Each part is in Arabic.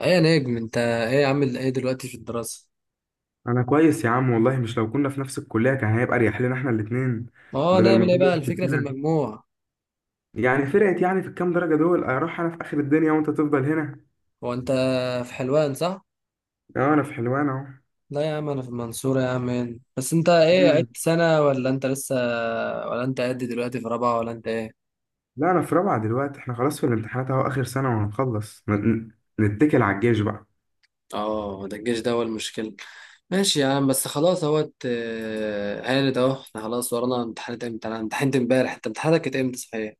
ايه يا نجم، انت ايه عامل ايه دلوقتي في الدراسة؟ انا كويس يا عم والله. مش لو كنا في نفس الكليه كان هيبقى اريح لنا احنا الاثنين اه، بدل نعمل ما ايه كل بقى؟ واحد الفكرة في فينا المجموع. يعني فرقت يعني في الكام درجه دول اروح انا في اخر الدنيا وانت تفضل هنا. هو انت في حلوان صح؟ اه انا في حلوان اهو. لا يا عم، انا في المنصورة يا عم. إيه، بس انت ايه؟ مم. عدت سنة ولا انت لسه؟ ولا انت قد دلوقتي في رابعة ولا انت ايه؟ لا انا في رابعه دلوقتي، احنا خلاص في الامتحانات اهو، اخر سنه وهنخلص نتكل على الجيش بقى. اه، ده الجيش ده هو المشكلة. ماشي يا عم، بس خلاص اهوت، هانت اهو. احنا خلاص ورانا امتحانات. امتى؟ انا امتحنت امبارح. انت امتحاناتك كانت امتى صحيح؟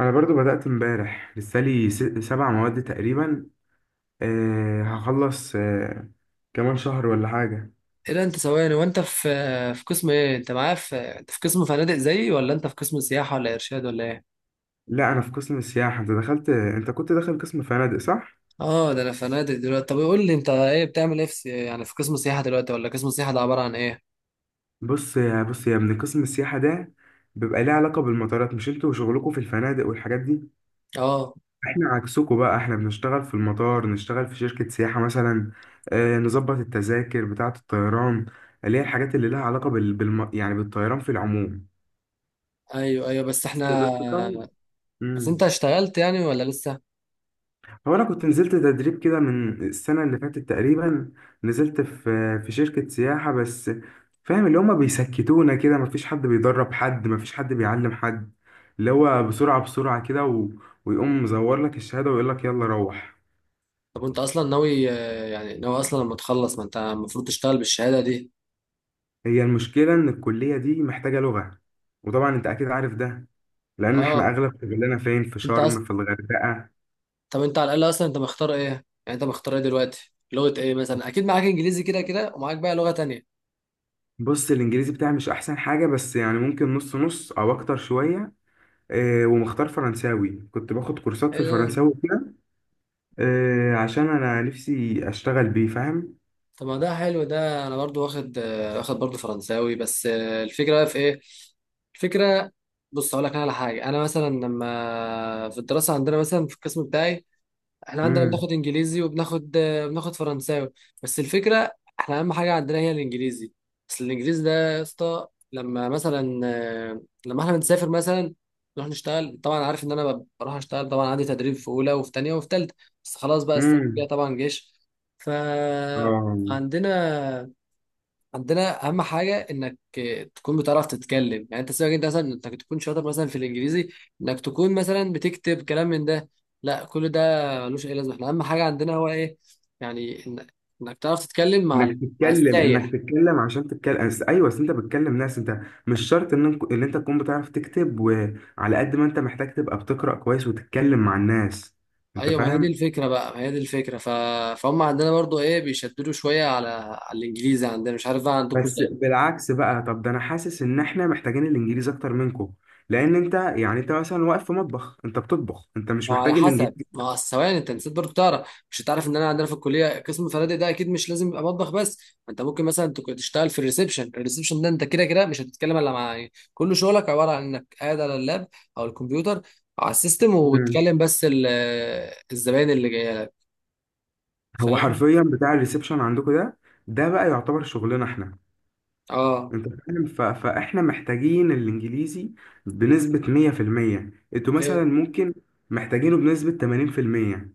انا برضو بدات امبارح، لسه لي سبع مواد تقريبا. أه هخلص، كمان شهر ولا حاجه. ايه ده، انت ثواني، وانت في في قسم ايه؟ انت معايا، في انت في قسم فنادق زيي، ولا انت في قسم سياحة ولا ارشاد ولا ايه؟ لا انا في قسم السياحه. انت دخلت، انت كنت داخل قسم فنادق صح؟ اه ده، انا فنادق دلوقتي. طب قول لي، انت ايه بتعمل ايه في يعني في قسم السياحه دلوقتي؟ ولا قسم السياحه ده عباره عن ايه؟ بص يا من قسم السياحة ده بيبقى ليه علاقة بالمطارات. مش انتوا وشغلكوا في الفنادق والحاجات دي؟ اه، احنا عكسكوا بقى، احنا بنشتغل في المطار، نشتغل في شركة سياحة مثلا، آه نظبط التذاكر بتاعة الطيران، اللي هي الحاجات اللي لها علاقة يعني بالطيران في العموم. ايوه ايوه، بس بس احنا، بس طبعا. بس مم. انت اشتغلت يعني ولا لسه؟ هو انا كنت نزلت تدريب كده من السنه اللي فاتت تقريبا، نزلت في شركه سياحه، بس فاهم اللي هما بيسكتونا كده، مفيش حد بيدرب حد، مفيش حد بيعلم حد، اللي هو بسرعه بسرعه ويقوم مزور لك الشهاده ويقول لك يلا روح. طب انت اصلا ناوي، يعني ناوي اصلا لما تخلص، ما انت المفروض تشتغل بالشهاده دي. هي المشكله ان الكليه دي محتاجه لغه، وطبعا انت اكيد عارف ده، لان احنا اه اغلب شغلنا فين؟ في انت اصلا، شرم، في الغردقه. طب انت على الاقل اصلا انت مختار ايه يعني؟ انت مختار ايه دلوقتي؟ لغه ايه مثلا؟ اكيد معاك انجليزي كده كده، ومعاك بقى لغه تانية. بص، الانجليزي بتاعي مش احسن حاجه، بس يعني ممكن نص نص او اكتر شويه. ومختار فرنساوي، كنت باخد كورسات في ايه ده، الفرنساوي كده، عشان انا نفسي اشتغل بيه، فاهم؟ طب ما ده حلو ده، انا برضو واخد، واخد برضو فرنساوي بس. الفكره بقى في ايه؟ الفكره، بص اقول لك انا على حاجه. انا مثلا لما في الدراسه عندنا، مثلا في القسم بتاعي، احنا عندنا امم بناخد انجليزي وبناخد، بناخد فرنساوي. بس الفكره، احنا اهم حاجه عندنا هي الانجليزي. بس الانجليزي ده يا اسطى، لما مثلا، لما احنا بنسافر مثلا نروح نشتغل، طبعا عارف ان انا بروح اشتغل، طبعا عندي تدريب في اولى وفي تانية وفي تالتة. بس خلاص بقى، السنه الجايه امم طبعا جيش. ف اه، عندنا، عندنا اهم حاجه انك تكون بتعرف تتكلم. يعني انت سيبك انت، مثلا انك تكون شاطر مثلا في الانجليزي، انك تكون مثلا بتكتب كلام من ده، لا كل ده ملوش اي لازمه. احنا اهم حاجه عندنا هو ايه؟ يعني انك تعرف تتكلم مع مع انك السايح. تتكلم عشان تتكلم، ايوه، أصل انت بتكلم ناس. انت مش شرط ان ان انت تكون بتعرف تكتب، وعلى قد ما انت محتاج تبقى بتقرأ كويس وتتكلم مع الناس. انت ايوه ما هي دي فاهم؟ الفكره بقى، ما هي دي الفكره، فهم عندنا برضو ايه، بيشددوا شويه على الانجليزي عندنا. مش عارف بقى عندكم. بس بالعكس بقى، طب ده انا حاسس ان احنا محتاجين الانجليزي اكتر منكم، لان انت يعني انت مثلا واقف في مطبخ، انت بتطبخ، انت مش ما هو على محتاج حسب، الانجليزي. ما هو ثواني، انت نسيت برضه تعرف، مش هتعرف ان انا عندنا في الكليه قسم الفنادق ده، اكيد مش لازم يبقى مطبخ بس. ما انت ممكن مثلا تشتغل في الريسبشن. الريسبشن ده انت كده كده مش هتتكلم الا مع، يعني كل شغلك عباره عن انك قاعد على اللاب او الكمبيوتر او على السيستم، وبتكلم بس الزباين اللي جايه لك، هو فاهم؟ حرفيا بتاع الريسبشن عندكم ده، ده بقى يعتبر شغلنا احنا. اه، انت فاهم؟ فاحنا محتاجين الانجليزي بنسبة 100%. انتوا ايوه مثلا ممكن محتاجينه بنسبة 80%.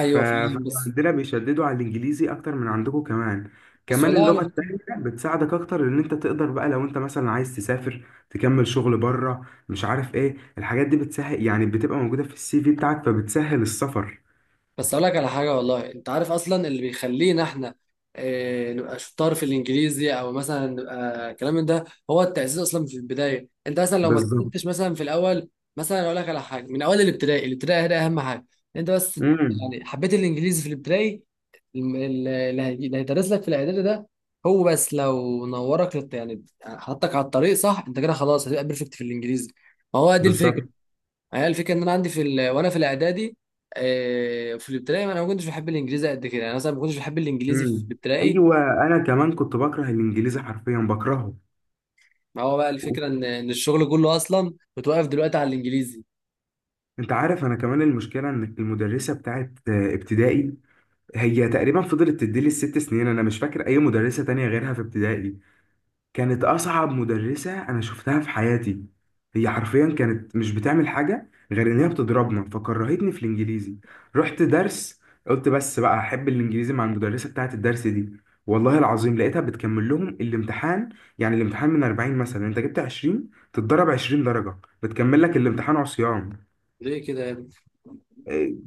فاهم بس، فعندنا بيشددوا على الانجليزي اكتر من عندكم. كمان بس كمان والله اللغة على، التانية بتساعدك اكتر، ان انت تقدر بقى لو انت مثلا عايز تسافر تكمل شغل بره، مش عارف ايه الحاجات دي، بتسهل يعني، بتبقى موجودة في السي في بتاعك، فبتسهل السفر. بس اقول لك على حاجه والله. انت عارف اصلا اللي بيخلينا احنا نبقى شطار في الانجليزي، او مثلا نبقى الكلام من ده، هو التاسيس اصلا في البدايه. انت مثلا لو ما بالظبط. تأسستش مثلا في الاول، مثلا اقول لك على حاجه، من اول الابتدائي. الابتدائي ده اهم حاجه انت بس، امم يعني حبيت الانجليزي في الابتدائي، اللي هيدرس لك في الاعدادي ده، هو بس لو نورك يعني حطك على الطريق صح، انت كده خلاص هتبقى بيرفكت في الانجليزي. ما هو دي بالظبط. الفكره. يعني انا الفكره ان انا عندي في وانا في الاعدادي، في الابتدائي انا ما كنتش بحب الانجليزي قد كده. يعني مثلا ما كنتش بحب الانجليزي في امم الابتدائي. ايوه، انا كمان كنت بكره الانجليزي، حرفيا بكرهه. ما هو بقى الفكره ان الشغل كله اصلا متوقف دلوقتي على الانجليزي. انت عارف، انا كمان المشكله ان المدرسه بتاعت ابتدائي هي تقريبا فضلت تديلي الست سنين، انا مش فاكر اي مدرسه تانية غيرها في ابتدائي. كانت أصعب مدرسة أنا شفتها في حياتي. هي حرفيا كانت مش بتعمل حاجة غير إن هي بتضربنا، فكرهتني في الإنجليزي. رحت درس، قلت بس بقى أحب الإنجليزي مع المدرسة بتاعة الدرس دي. والله العظيم لقيتها بتكمل لهم الامتحان. يعني الامتحان من 40 مثلا، أنت جبت 20، تتضرب 20 درجة، بتكمل لك الامتحان عصيان. ليه كده يا ابني؟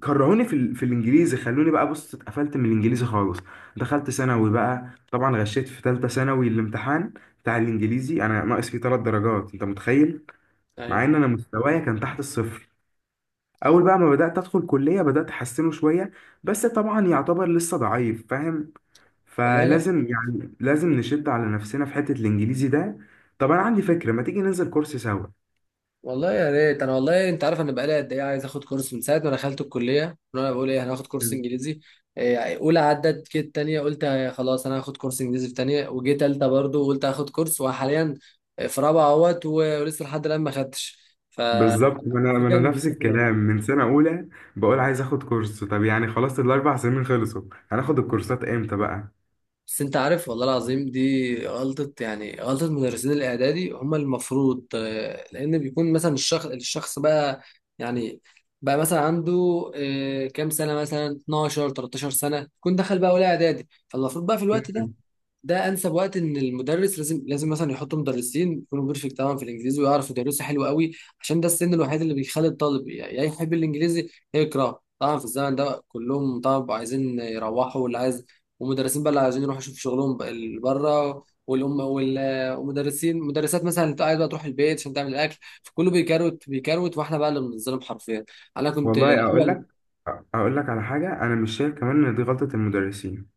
كرهوني في الانجليزي، خلوني بقى، بص اتقفلت من الانجليزي خالص. دخلت ثانوي بقى، طبعا غشيت في ثالثه ثانوي الامتحان بتاع الانجليزي. انا ناقص فيه ثلاث درجات، انت متخيل؟ مع ايوه، ان انا مستوايا كان تحت الصفر. اول بقى ما بدات ادخل كليه بدات احسنه شويه، بس طبعا يعتبر لسه ضعيف، فاهم؟ والله. فلازم يعني لازم نشد على نفسنا في حته الانجليزي ده. طب انا عندي فكره، ما تيجي ننزل كورس سوا. والله يا ريت، انا والله، انت عارف انا بقالي قد ايه عايز اخد كورس؟ من ساعه ما دخلت الكليه وانا بقول ايه، هناخد كورس انجليزي. اولى عدت كده، تانية قلت، خلاص انا هاخد كورس انجليزي في تانية، وجيت تالتة برضه قلت هاخد كورس، وحاليا في رابعه اهوت، و ولسه لحد الان ما خدتش. ف بالظبط، ما انا ما الفكره انا ان نفس الحتة دي، الكلام من سنه اولى بقول عايز اخد كورس، طب يعني خلاص الاربع سنين خلصوا، هناخد الكورسات امتى بقى؟ بس انت عارف والله العظيم دي غلطة، يعني غلطة مدرسين الإعدادي. هم المفروض، لأن بيكون مثلا الشخص، الشخص بقى يعني بقى مثلا عنده، كام سنة؟ مثلا 12 13 سنة يكون دخل بقى أولى إعدادي. فالمفروض بقى في الوقت ده، مم. ده انسب وقت ان المدرس لازم مثلا يحطوا مدرسين يكونوا بيرفكت طبعا في الانجليزي، ويعرفوا يدرسوا حلو قوي، عشان ده السن الوحيد اللي بيخلي الطالب يا يحب الانجليزي يا يكرهه. طبعا في الزمن ده كلهم طبعا عايزين يروحوا، واللي عايز، ومدرسين بقى اللي عايزين يروحوا يشوفوا شغلهم بقى اللي بره، والام ومدرسين مدرسات مثلا اللي عايز بقى تروح البيت عشان تعمل الاكل، فكله بيكروت، واحنا بقى اللي بنتظلم حرفيا. انا كنت والله اقول الاول، لك، اقول لك على حاجه، انا مش شايف كمان ان دي غلطه المدرسين.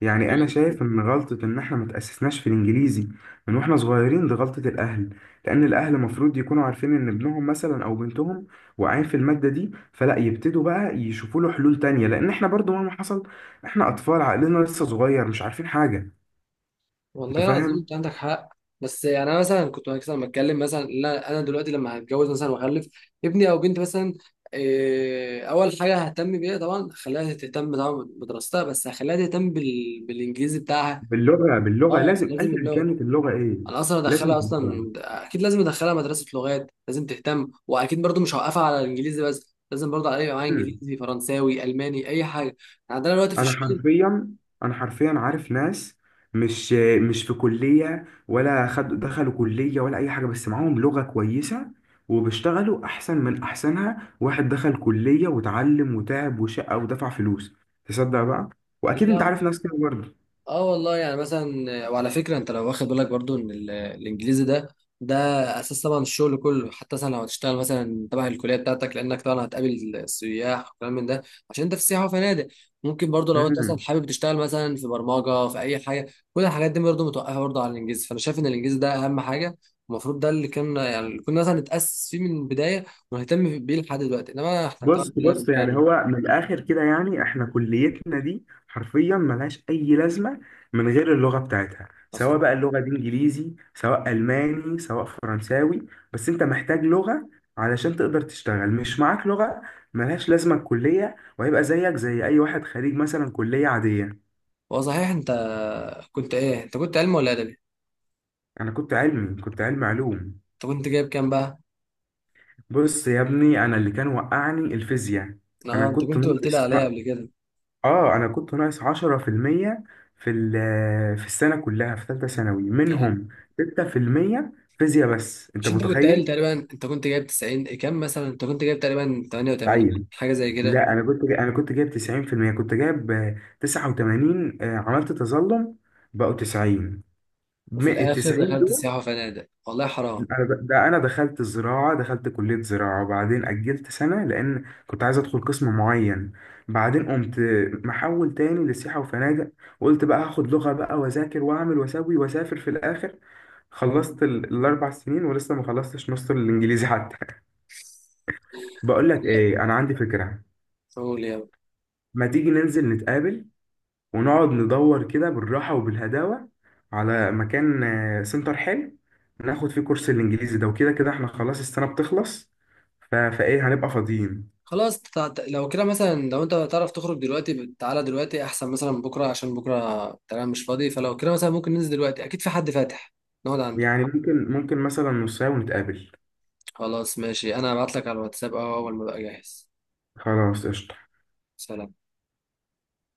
يعني انا شايف ان غلطه ان احنا ما تاسسناش في الانجليزي من واحنا صغيرين، دي غلطه الاهل. لان الاهل المفروض يكونوا عارفين ان ابنهم مثلا او بنتهم واقعين في الماده دي، فلا يبتدوا بقى يشوفوا له حلول تانية، لان احنا برضو مهما حصل، احنا اطفال، عقلنا لسه صغير، مش عارفين حاجه. انت والله العظيم فاهم؟ انت عندك حق. بس يعني انا مثلا كنت مثلا بتكلم مثلا، لا انا أنا دلوقتي لما هتجوز مثلا واخلف ابني او بنتي مثلا، إيه، اول حاجه ههتم بيها طبعا خليها تهتم طبعا بدراستها، بس هخليها تهتم بالانجليزي بتاعها. باللغه باللغه اه لازم، لازم ايا اللغه. كانت اللغه ايه، انا اصلا لازم ادخلها باللغة. اصلا، اكيد لازم ادخلها مدرسه لغات، لازم تهتم، واكيد برضو مش هوقفها على الانجليزي بس، لازم برضو عليها معايا مم. انجليزي فرنساوي الماني اي حاجه يعني. عندنا دلوقتي في انا حرفيا، انا حرفيا عارف ناس مش مش في كليه ولا خد دخلوا كليه ولا اي حاجه، بس معاهم لغه كويسه، وبيشتغلوا احسن من احسنها واحد دخل كليه وتعلم وتعب وشقى ودفع فلوس. تصدق بقى؟ واكيد انت الشغل، عارف ناس كده برضه. اه والله يعني مثلا. وعلى فكره انت لو واخد بالك برضو ان الانجليزي ده، ده اساس طبعا الشغل كله. حتى مثلا لو هتشتغل مثلا تبع الكليه بتاعتك، لانك طبعا هتقابل سياح وكلام من ده، عشان انت في سياحه وفنادق. ممكن برضو لو انت مثلا مم. حابب تشتغل مثلا في برمجه في اي حاجه، كل الحاجات دي برضو متوقفه برضو على الانجليزي. فانا شايف ان الانجليزي ده اهم حاجه. المفروض ده اللي كان يعني، اللي كنا مثلا نتاسس فيه من البدايه، ونهتم بيه لحد دلوقتي، انما احنا بص طبعا كلنا بص يعني بنكرر هو من الاخر كده، يعني احنا كليتنا دي حرفيا ملهاش اي لازمه من غير اللغه بتاعتها، سواء اصلا. بقى اللغه دي انجليزي، سواء الماني، سواء فرنساوي، بس انت محتاج لغه علشان تقدر تشتغل. مش معاك لغه، ملهاش لازمه الكليه، وهيبقى زيك زي اي واحد خريج مثلا كليه عاديه. هو صحيح انت كنت ايه؟ انت كنت علم ولا ادبي؟ انا كنت علمي، كنت علمي علوم. انت كنت جايب كام بقى؟ بص يا ابني، انا اللي كان وقعني الفيزياء. انا اه، انت كنت كنت قلت لي ناقص، عليها قبل كده اه انا كنت ناقص 10% في المية في في السنه كلها في ثالثه ثانوي يعني. منهم 6% فيزياء بس، انت مش انت كنت قايل متخيل؟ تقريبا انت كنت جايب 90؟ إيه كام مثلا؟ انت كنت جايب تقريبا 88 تعين. حاجه زي كده. لا انا انا كنت جايب 90%. كنت جايب 89، عملت تظلم، بقوا 90 وفي من ال الاخر 90. دخلت سياحه وفنادق، والله حرام. انا ده انا دخلت الزراعه، دخلت كليه زراعه، وبعدين اجلت سنه لان كنت عايز ادخل قسم معين. بعدين قمت محول تاني لسياحه وفنادق، وقلت بقى هاخد لغه بقى واذاكر واعمل واسوي واسافر في الاخر. خلصت الاربع سنين ولسه ما خلصتش نص الانجليزي حتى. بقول لك لا، ايه، انا عندي فكره. قول يا. ما تيجي ننزل نتقابل، ونقعد ندور كده بالراحة وبالهداوة على مكان سنتر حلو ناخد فيه كورس الإنجليزي ده، وكده كده احنا خلاص السنة بتخلص، فإيه، هنبقى فاضيين. خلاص لو كده مثلا، لو انت تعرف تخرج دلوقتي، تعالى دلوقتي احسن مثلا من بكره، عشان بكره تمام مش فاضي. فلو كده مثلا ممكن ننزل دلوقتي، اكيد في حد فاتح نقعد عنده. يعني ممكن، مثلا نص ساعة ونتقابل. خلاص ماشي، انا هبعت لك على الواتساب اهو اول ما بقى جاهز. خلاص قشطة. سلام.